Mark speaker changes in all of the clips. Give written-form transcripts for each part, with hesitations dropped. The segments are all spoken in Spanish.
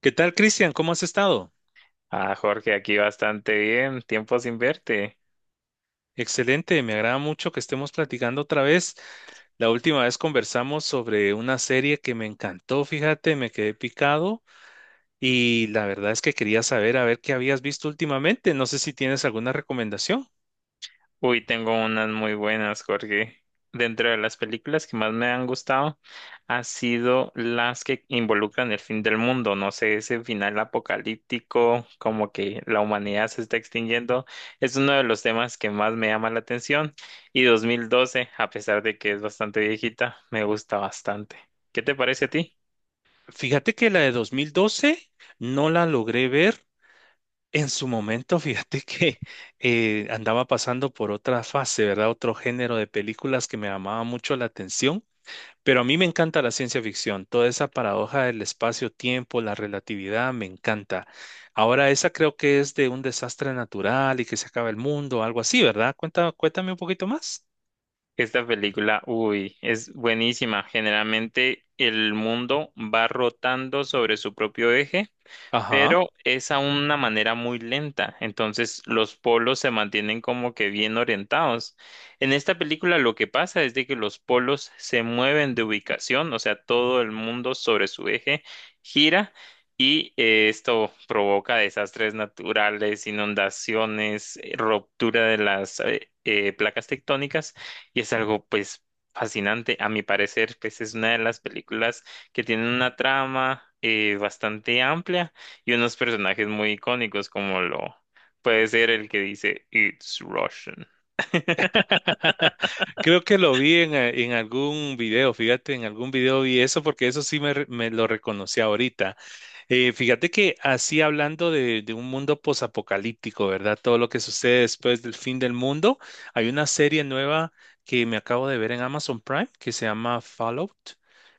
Speaker 1: ¿Qué tal, Cristian? ¿Cómo has estado?
Speaker 2: Ah, Jorge, aquí bastante bien. Tiempo sin verte.
Speaker 1: Excelente, me agrada mucho que estemos platicando otra vez. La última vez conversamos sobre una serie que me encantó, fíjate, me quedé picado y la verdad es que quería saber a ver qué habías visto últimamente. No sé si tienes alguna recomendación.
Speaker 2: Uy, tengo unas muy buenas, Jorge. Dentro de las películas que más me han gustado, ha sido las que involucran el fin del mundo. No sé, ese final apocalíptico, como que la humanidad se está extinguiendo, es uno de los temas que más me llama la atención. Y 2012, a pesar de que es bastante viejita, me gusta bastante. ¿Qué te parece a ti?
Speaker 1: Fíjate que la de 2012 no la logré ver en su momento. Fíjate que andaba pasando por otra fase, ¿verdad? Otro género de películas que me llamaba mucho la atención. Pero a mí me encanta la ciencia ficción, toda esa paradoja del espacio-tiempo, la relatividad, me encanta. Ahora, esa creo que es de un desastre natural y que se acaba el mundo, algo así, ¿verdad? Cuenta, cuéntame un poquito más.
Speaker 2: Esta película, uy, es buenísima. Generalmente el mundo va rotando sobre su propio eje, pero
Speaker 1: Ajá.
Speaker 2: es a una manera muy lenta, entonces los polos se mantienen como que bien orientados. En esta película lo que pasa es de que los polos se mueven de ubicación, o sea, todo el mundo sobre su eje gira y esto provoca desastres naturales, inundaciones, ruptura de las placas tectónicas, y es algo pues fascinante, a mi parecer. Pues es una de las películas que tiene una trama bastante amplia y unos personajes muy icónicos como lo puede ser el que dice It's Russian.
Speaker 1: Creo que lo vi en algún video, fíjate, en algún video vi eso porque eso sí me, me lo reconocí ahorita. Fíjate que así hablando de un mundo posapocalíptico, ¿verdad? Todo lo que sucede después del fin del mundo. Hay una serie nueva que me acabo de ver en Amazon Prime que se llama Fallout,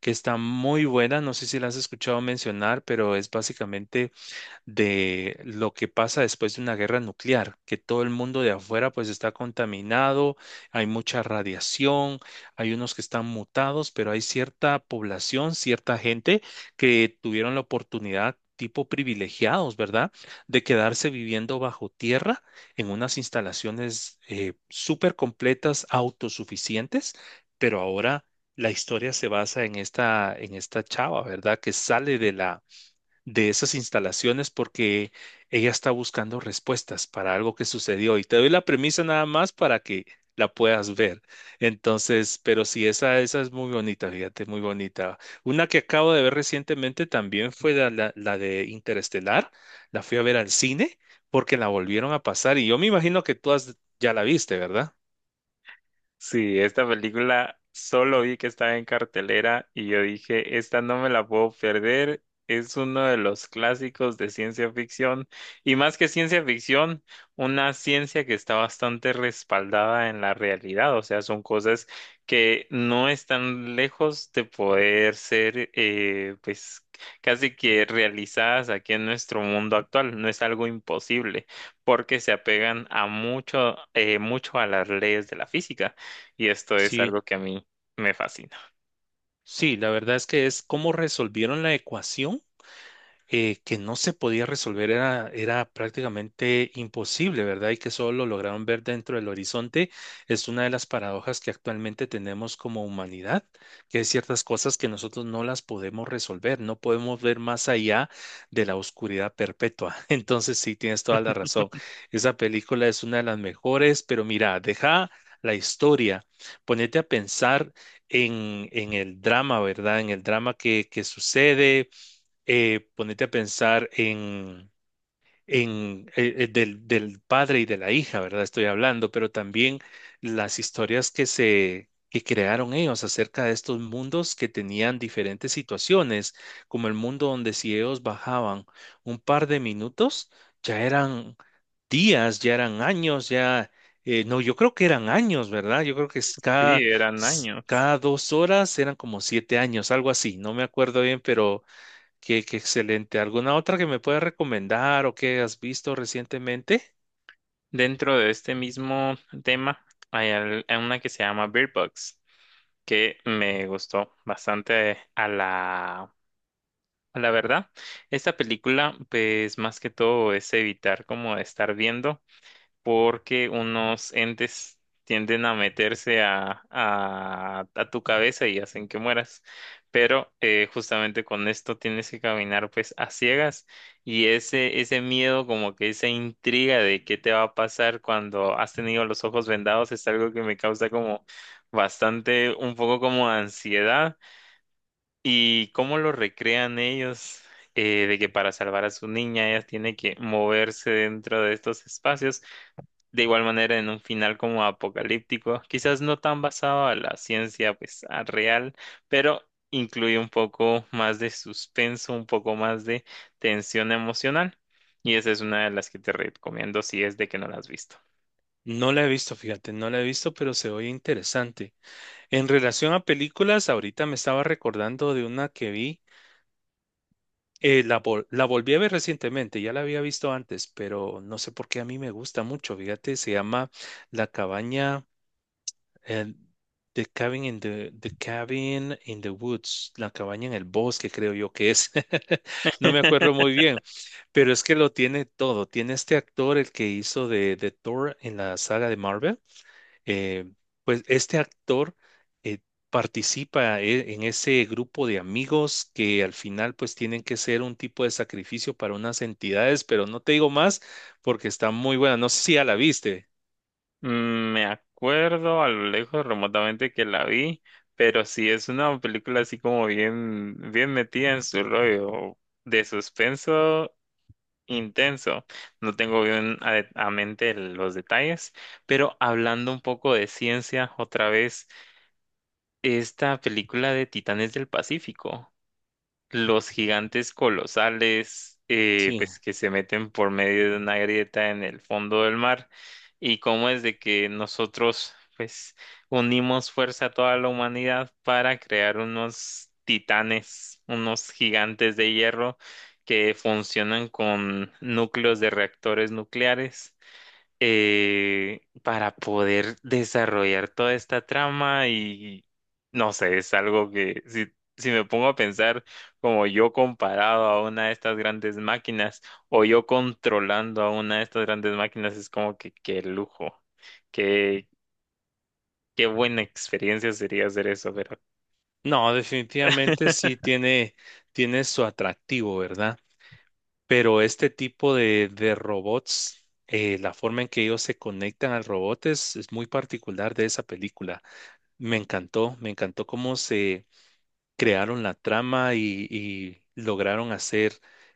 Speaker 1: que está muy buena. No sé si la has escuchado mencionar, pero es básicamente de lo que pasa después de una guerra nuclear, que todo el mundo de afuera pues está contaminado, hay mucha radiación, hay unos que están mutados, pero hay cierta población, cierta gente que tuvieron la oportunidad tipo privilegiados, ¿verdad? De quedarse viviendo bajo tierra en unas instalaciones súper completas, autosuficientes, pero ahora la historia se basa en esta chava, ¿verdad? Que sale de la de esas instalaciones porque ella está buscando respuestas para algo que sucedió, y te doy la premisa nada más para que la puedas ver. Entonces, pero sí, esa es muy bonita, fíjate, muy bonita. Una que acabo de ver recientemente también fue la de Interestelar, la fui a ver al cine porque la volvieron a pasar y yo me imagino que tú ya la viste, ¿verdad?
Speaker 2: Sí, esta película solo vi que estaba en cartelera y yo dije, esta no me la puedo perder. Es uno de los clásicos de ciencia ficción, y más que ciencia ficción, una ciencia que está bastante respaldada en la realidad. O sea, son cosas que no están lejos de poder ser, pues, casi que realizadas aquí en nuestro mundo actual. No es algo imposible porque se apegan a mucho, mucho a las leyes de la física. Y esto es
Speaker 1: Sí,
Speaker 2: algo que a mí me fascina.
Speaker 1: sí, la verdad es que es cómo resolvieron la ecuación que no se podía resolver, era, era prácticamente imposible, ¿verdad? Y que solo lo lograron ver dentro del horizonte, es una de las paradojas que actualmente tenemos como humanidad, que hay ciertas cosas que nosotros no las podemos resolver, no podemos ver más allá de la oscuridad perpetua. Entonces, sí, tienes toda la razón. Esa película es una de las mejores, pero mira, deja la historia, ponete a pensar en el drama, ¿verdad? En el drama que sucede. Ponete a pensar en del, del padre y de la hija, ¿verdad? Estoy hablando, pero también las historias que se que crearon ellos acerca de estos mundos que tenían diferentes situaciones, como el mundo donde si ellos bajaban un par de minutos, ya eran días, ya eran años, ya, no, yo creo que eran años, ¿verdad? Yo creo que es cada,
Speaker 2: Sí, eran años.
Speaker 1: cada 2 horas eran como 7 años, algo así, no me acuerdo bien, pero qué, qué excelente. ¿Alguna otra que me puedas recomendar o que has visto recientemente?
Speaker 2: Dentro de este mismo tema hay hay una que se llama Bird Box, que me gustó bastante a la verdad. Esta película pues más que todo es evitar como estar viendo, porque unos entes tienden a meterse a tu cabeza y hacen que mueras. Pero justamente con esto tienes que caminar pues a ciegas, y ese miedo, como que esa intriga de qué te va a pasar cuando has tenido los ojos vendados es algo que me causa como bastante, un poco como ansiedad. ¿Y cómo lo recrean ellos? De que para salvar a su niña ella tiene que moverse dentro de estos espacios, de igual manera en un final como apocalíptico, quizás no tan basado a la ciencia pues a real, pero incluye un poco más de suspenso, un poco más de tensión emocional. Y esa es una de las que te recomiendo si es de que no la has visto.
Speaker 1: No la he visto, fíjate, no la he visto, pero se oye interesante. En relación a películas, ahorita me estaba recordando de una que vi, la, la volví a ver recientemente, ya la había visto antes, pero no sé por qué a mí me gusta mucho, fíjate, se llama La cabaña. El, the cabin in the, the cabin in the woods, la cabaña en el bosque, creo yo que es. No me acuerdo muy bien, pero es que lo tiene todo. Tiene este actor, el que hizo de Thor en la saga de Marvel. eh, pues este actor eh, participa en ese grupo de amigos que al final pues tienen que ser un tipo de sacrificio para unas entidades, pero no te digo más porque está muy buena. No sé si ya la viste.
Speaker 2: Mm, me acuerdo a lo lejos remotamente que la vi, pero sí es una película así como bien, bien metida en su rollo de suspenso intenso. No tengo bien a mente los detalles, pero hablando un poco de ciencia, otra vez, esta película de Titanes del Pacífico, los gigantes colosales,
Speaker 1: Sí.
Speaker 2: pues que se meten por medio de una grieta en el fondo del mar, y cómo es de que nosotros, pues, unimos fuerza a toda la humanidad para crear unos titanes, unos gigantes de hierro que funcionan con núcleos de reactores nucleares, para poder desarrollar toda esta trama. Y no sé, es algo que si, si me pongo a pensar como yo comparado a una de estas grandes máquinas o yo controlando a una de estas grandes máquinas, es como que qué lujo, qué, qué buena experiencia sería hacer eso, pero...
Speaker 1: No, definitivamente sí tiene, tiene su atractivo, ¿verdad? Pero este tipo de robots, la forma en que ellos se conectan al robot es muy particular de esa película. Me encantó cómo se crearon la trama y lograron hacer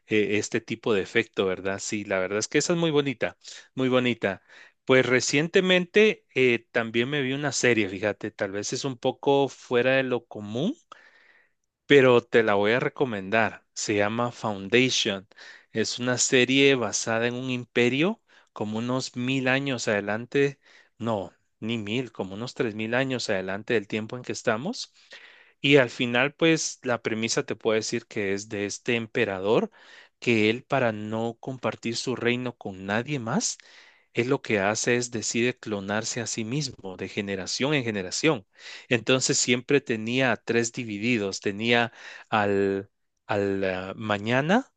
Speaker 1: este tipo de efecto, ¿verdad? Sí, la verdad es que esa es muy bonita, muy bonita. Pues recientemente también me vi una serie, fíjate, tal vez es un poco fuera de lo común, pero te la voy a recomendar. Se llama Foundation. Es una serie basada en un imperio como unos 1000 años adelante, no, ni mil, como unos 3000 años adelante del tiempo en que estamos. Y al final, pues la premisa te puedo decir que es de este emperador, que él, para no compartir su reino con nadie más, él lo que hace es decide clonarse a sí mismo de generación en generación. Entonces siempre tenía a tres divididos. Tenía al, al mañana,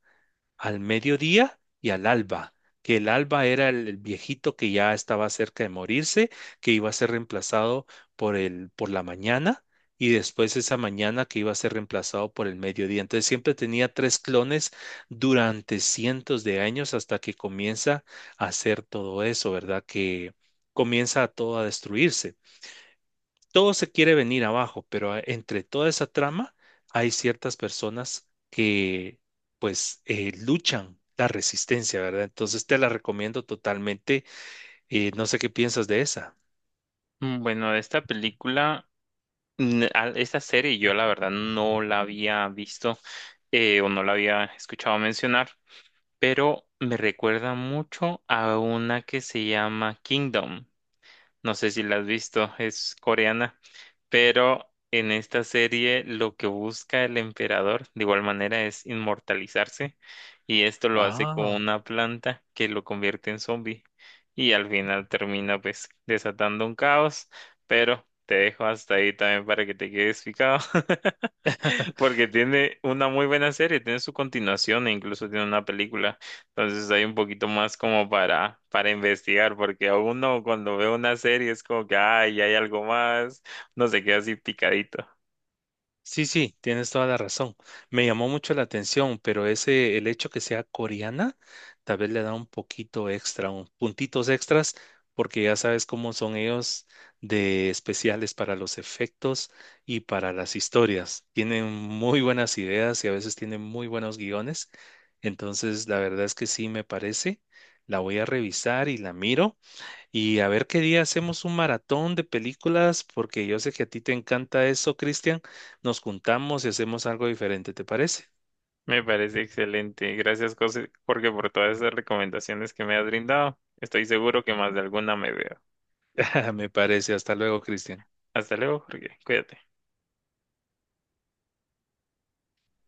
Speaker 1: al mediodía y al alba. Que el alba era el viejito que ya estaba cerca de morirse, que iba a ser reemplazado por el, por la mañana. Y después esa mañana que iba a ser reemplazado por el mediodía. Entonces siempre tenía tres clones durante cientos de años hasta que comienza a hacer todo eso, ¿verdad? Que comienza todo a destruirse, todo se quiere venir abajo, pero entre toda esa trama hay ciertas personas que pues luchan la resistencia, ¿verdad? Entonces te la recomiendo totalmente. No sé qué piensas de esa.
Speaker 2: Mm, bueno, de esta película, esta serie yo la verdad no la había visto, o no la había escuchado mencionar. Pero me recuerda mucho a una que se llama Kingdom. No sé si la has visto, es coreana, pero en esta serie lo que busca el emperador de igual manera es inmortalizarse, y esto lo hace con
Speaker 1: Ah.
Speaker 2: una planta que lo convierte en zombie, y al final termina pues desatando un caos, pero te dejo hasta ahí también para que te quedes picado. Porque tiene una muy buena serie, tiene su continuación e incluso tiene una película. Entonces hay un poquito más como para investigar, porque a uno cuando ve una serie es como que, ay, hay algo más, no se queda así picadito.
Speaker 1: Sí, sí, tienes toda la razón. Me llamó mucho la atención, pero ese, el hecho que sea coreana, tal vez le da un poquito extra, un puntitos extras, porque ya sabes cómo son ellos de especiales para los efectos y para las historias. Tienen muy buenas ideas y a veces tienen muy buenos guiones. Entonces, la verdad es que sí me parece. La voy a revisar y la miro. Y a ver qué día hacemos un maratón de películas, porque yo sé que a ti te encanta eso, Cristian. Nos juntamos y hacemos algo diferente, ¿te parece?
Speaker 2: Me parece excelente. Gracias, José, porque por todas esas recomendaciones que me has brindado, estoy seguro que más de alguna me veo.
Speaker 1: Me parece. Hasta luego, Cristian.
Speaker 2: Hasta luego, Jorge. Cuídate.